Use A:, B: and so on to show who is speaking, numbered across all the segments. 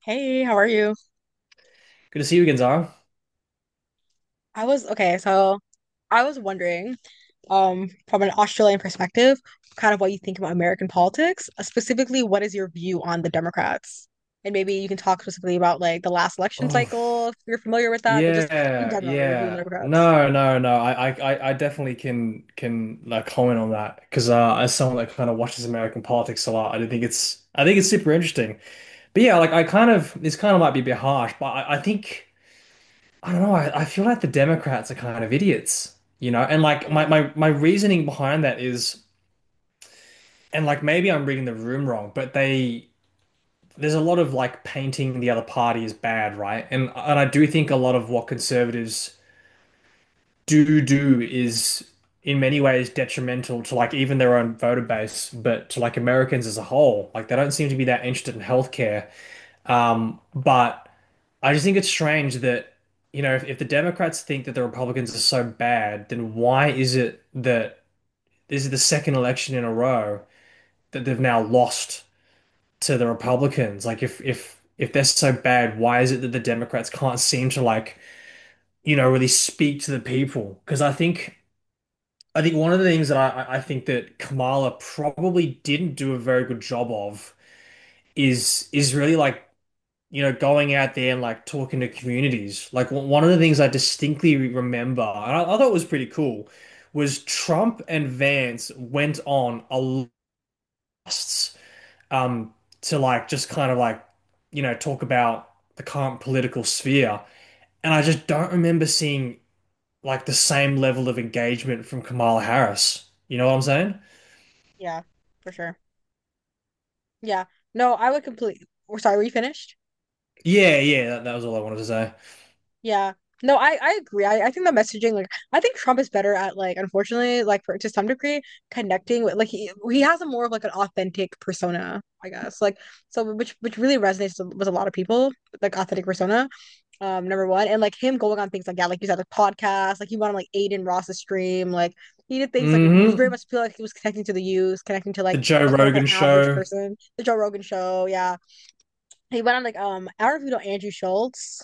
A: Hey, how are you?
B: Good to see you again, Zara.
A: I was okay, so I was wondering, from an Australian perspective, kind of what you think about American politics. Specifically, what is your view on the Democrats? And maybe you can talk specifically about like the last election
B: Oh,
A: cycle, if you're familiar with that, but just in
B: yeah,
A: general, your view on the
B: yeah.
A: Democrats.
B: No, no, no. I definitely can like comment on that because as someone that kind of watches American politics a lot, I do think it's I think it's super interesting. But yeah, like I kind of this kind of might be a bit harsh, but I think I don't know. I feel like the Democrats are kind of idiots, you know. And like my
A: Hmm,
B: my my reasoning behind that is, and like maybe I'm reading the room wrong, but they. There's a lot of like painting the other party as bad, right? And I do think a lot of what conservatives do is in many ways detrimental to like even their own voter base, but to like Americans as a whole. Like they don't seem to be that interested in healthcare. But I just think it's strange that, you know, if the Democrats think that the Republicans are so bad, then why is it that this is the second election in a row that they've now lost to the Republicans. Like if they're so bad, why is it that the Democrats can't seem to like, you know, really speak to the people? Because I think one of the things that I think that Kamala probably didn't do a very good job of is really like you know, going out there and like talking to communities. Like one of the things I distinctly remember, and I thought it was pretty cool, was Trump and Vance went on a lasts um, to like just kind of like, you know, talk about the current political sphere. And I just don't remember seeing like the same level of engagement from Kamala Harris. You know what I'm saying?
A: yeah, for sure. Yeah. No, I would completely. We're sorry, were you finished?
B: Yeah, yeah, that was all I wanted to say.
A: Yeah. No, I agree. I think the messaging, like, I think Trump is better at, like, unfortunately, like, for, to some degree, connecting with, like, he has a more of, like, an authentic persona, I guess. Like, so, which really resonates with a lot of people, like, authentic persona, number one. And, like, him going on things like, yeah, like you said, the podcast like, he went on, like, Aiden Ross's stream, like, he did things, like, which very
B: hmm
A: much feel like he was connecting to the youth, connecting to, like,
B: The Joe
A: the quote unquote
B: Rogan
A: average
B: show.
A: person, the Joe Rogan show, yeah. He went on like I don't know if you know Andrew Schultz,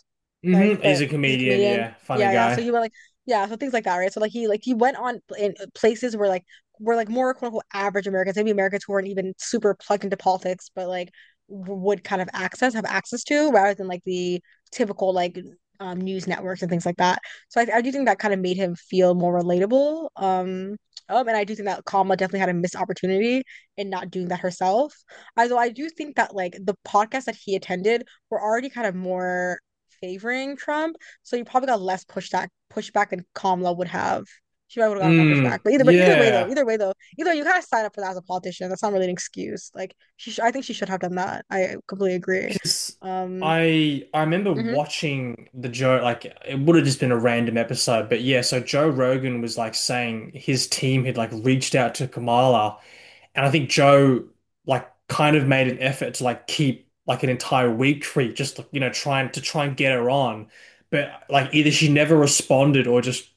A: like
B: He's
A: but
B: a
A: he's a
B: comedian,
A: comedian.
B: yeah, funny
A: Yeah, yeah. So
B: guy.
A: he went like yeah, so things like that, right? So like he went on in places where like were like more quote unquote average Americans, maybe Americans who weren't even super plugged into politics, but like would kind of access have access to rather than like the typical like news networks and things like that. So I do think that kind of made him feel more relatable. And I do think that Kamala definitely had a missed opportunity in not doing that herself, although I do think that like the podcasts that he attended were already kind of more favoring Trump, so he probably got less pushback than Kamala would have. She probably would have gotten more pushback.
B: Mm,
A: But either way though,
B: yeah.
A: either way though, either way, you kind of sign up for that as a politician. That's not really an excuse. Like I think she should have done that. I completely agree.
B: Because
A: Um,
B: I remember
A: mhm,
B: watching the Joe like it would have just been a random episode, but yeah, so Joe Rogan was like saying his team had like reached out to Kamala, and I think Joe like kind of made an effort to like keep like an entire week free, just you know trying to try and get her on, but like either she never responded or just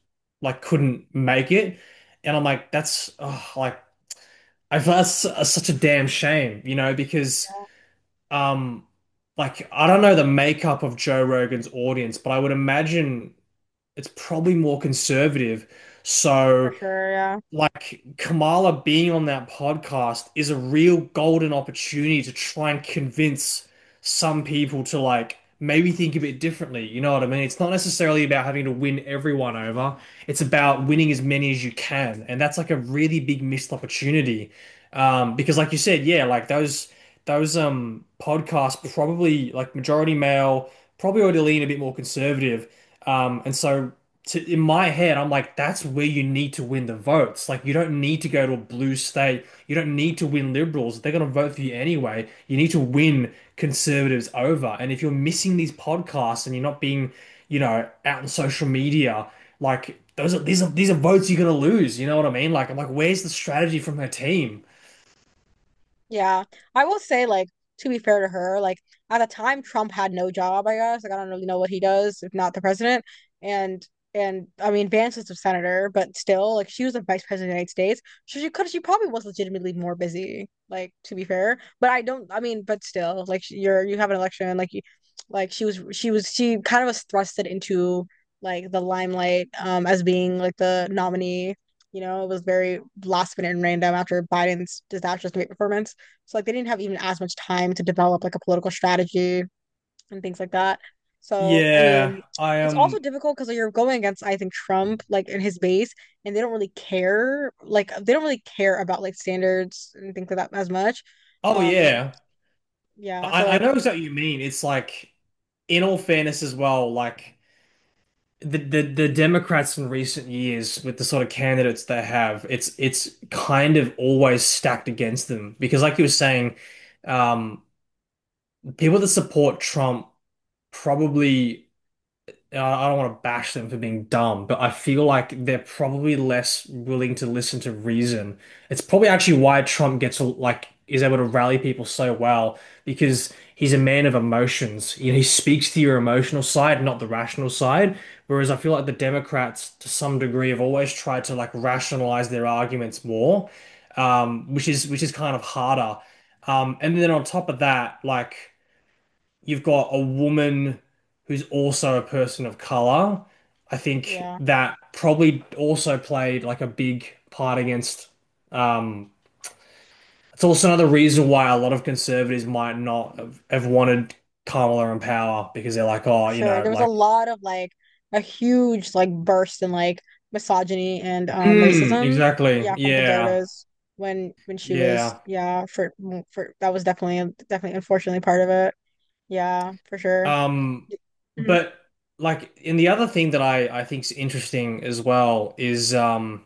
B: like couldn't make it, and I'm like that's like I feel like that's such a damn shame, you know, because um like I don't know the makeup of Joe Rogan's audience, but I would imagine it's probably more conservative.
A: for
B: So
A: sure, yeah.
B: like Kamala being on that podcast is a real golden opportunity to try and convince some people to like maybe think a bit differently. You know what I mean? It's not necessarily about having to win everyone over. It's about winning as many as you can. And that's like a really big missed opportunity. Because like you said, yeah, like those podcasts probably like majority male, probably already lean a bit more conservative. And so to in my head, I'm like, that's where you need to win the votes. Like, you don't need to go to a blue state. You don't need to win liberals. They're going to vote for you anyway. You need to win conservatives over. And if you're missing these podcasts and you're not being, you know, out on social media, like those are these are votes you're going to lose. You know what I mean? Like, I'm like, where's the strategy from her team?
A: Yeah, I will say, like, to be fair to her, like, at the time, Trump had no job, I guess. Like, I don't really know what he does, if not the president. And, and I mean, Vance was the senator, but still, like, she was the vice president of the United States. So she probably was legitimately more busy, like, to be fair. But I don't, I mean, but still, like, you're, you have an election, like, you, like, she kind of was thrusted into, like, the limelight, as being, like, the nominee. You know, it was very last minute and random after Biden's disastrous debate performance. So like they didn't have even as much time to develop like a political strategy and things like that. So I
B: Yeah,
A: mean,
B: I
A: it's
B: am.
A: also difficult because you're going against I think Trump like in his base, and they don't really care about like standards and things like that as much.
B: Oh
A: Um,
B: yeah,
A: yeah. So
B: I
A: like
B: know exactly what you mean. It's like, in all fairness as well, the Democrats in recent years with the sort of candidates they have, it's kind of always stacked against them because, like you were saying, um, people that support Trump probably. I Don't want to bash them for being dumb, but I feel like they're probably less willing to listen to reason. It's probably actually why Trump gets like is able to rally people so well because he's a man of emotions. You know, he speaks to your emotional side, not the rational side. Whereas I feel like the Democrats, to some degree, have always tried to like rationalize their arguments more, which is kind of harder. And then on top of that, like you've got a woman who's also a person of color. I think
A: yeah,
B: that probably also played like a big part against. Um, it's also another reason why a lot of conservatives might not have, have wanted Kamala in power because they're like,
A: for
B: oh, you
A: sure.
B: know,
A: There was a
B: like,
A: lot of like a huge like burst in like misogyny and
B: mm,
A: racism.
B: exactly,
A: Yeah, from
B: yeah,
A: conservatives when she was
B: yeah.
A: yeah for that was definitely unfortunately part of it. Yeah, for sure.
B: Um,
A: Hmm.
B: but like, and the other thing that I think is interesting as well is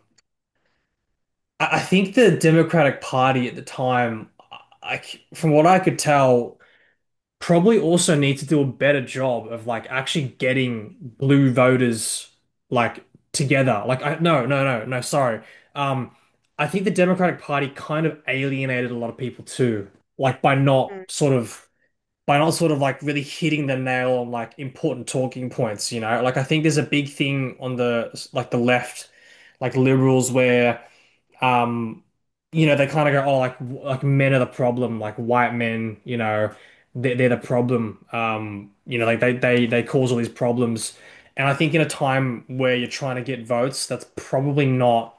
B: I think the Democratic Party at the time, I, from what I could tell, probably also need to do a better job of like actually getting blue voters like together. Like, I, no, no, no, no, sorry. Um, I think the Democratic Party kind of alienated a lot of people too, like by not sort of like really hitting the nail on like important talking points, you know? Like, I think there's a big thing on the left, like liberals where um you know they kind of go oh like men are the problem like white men you know they're the problem you know like they cause all these problems and I think in a time where you're trying to get votes that's probably not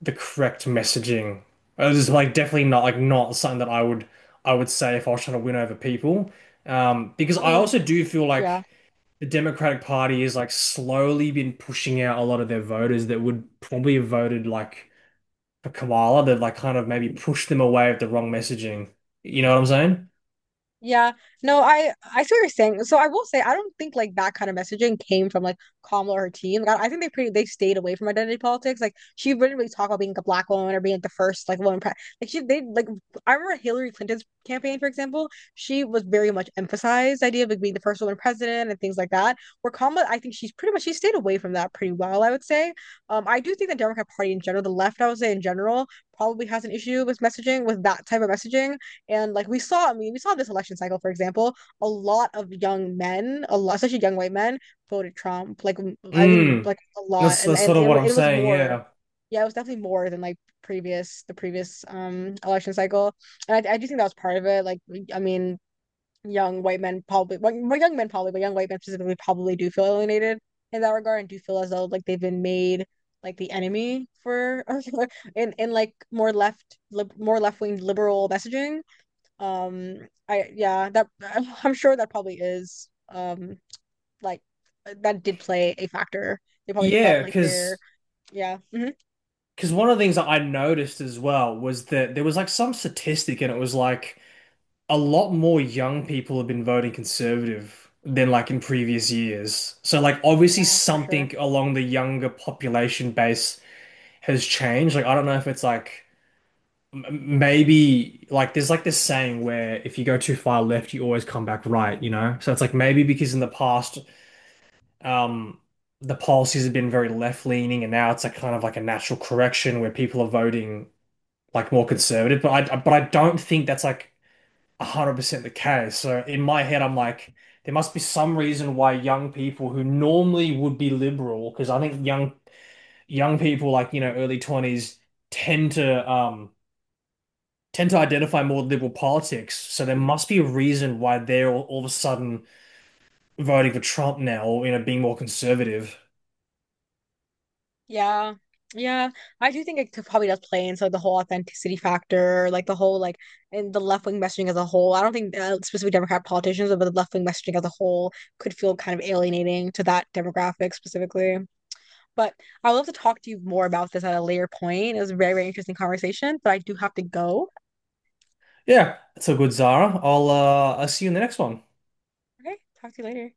B: the correct messaging it was like definitely not not something that I would say if I was trying to win over people because
A: I
B: I
A: mean,
B: also do feel
A: yeah.
B: like the Democratic Party is like slowly been pushing out a lot of their voters that would probably have voted like for Koala to like kind of maybe pushed them away with the wrong messaging. You know what I'm saying?
A: Yeah, no, I see what you're saying. So I will say I don't think like that kind of messaging came from like Kamala or her team. Like, I think they stayed away from identity politics. Like she wouldn't really talk about being like, a black woman or being like the first like woman pre like she they like I remember Hillary Clinton's campaign, for example. She was very much emphasized the idea of like being the first woman president and things like that. Where Kamala, I think she's pretty much she stayed away from that pretty well, I would say. I do think the Democrat Party in general, the left, I would say in general, probably has an issue with messaging, with that type of messaging, and like we saw, I mean, we saw this election cycle, for example, a lot of young men, a lot, especially young white men, voted Trump. Like I think
B: Mm.
A: like a lot,
B: That's that's
A: and
B: sort of
A: it
B: what I'm
A: it was
B: saying,
A: more,
B: yeah.
A: yeah, it was definitely more than like previous the previous election cycle. And I do think that was part of it. Like I mean, young white men probably, well, more young men probably, but young white men specifically probably do feel alienated in that regard and do feel as though like they've been made like the enemy for in like more left-wing liberal messaging, um, I yeah, that I'm sure that probably is like that did play a factor. They probably felt
B: Yeah,
A: like they're
B: because
A: yeah, mhm,
B: one of the things that I noticed as well was that there was like some statistic and it was like a lot more young people have been voting conservative than like in previous years. So like obviously
A: yeah, for sure.
B: something along the younger population base has changed. Like I don't know if it's like M- maybe like there's like this saying where if you go too far left, you always come back right, you know? So it's like maybe because in the past, um, the policies have been very left leaning, and now it's like kind of like a natural correction where people are voting like more conservative. But I don't think that's like 100% the case. So in my head, I'm like, there must be some reason why young people who normally would be liberal, because I think young people like you know early 20s tend to tend to identify more with liberal politics, so there must be a reason why they're all of a sudden voting for Trump now, or you know, being more conservative.
A: Yeah. Yeah, I do think it could- probably does play into the whole authenticity factor, like the whole like and the left wing messaging as a whole. I don't think specifically Democrat politicians, but the left wing messaging as a whole could feel kind of alienating to that demographic specifically. But I would love to talk to you more about this at a later point. It was a very, very interesting conversation, but I do have to go.
B: Yeah, that's a good Zara. I'll see you in the next one.
A: Okay, talk to you later.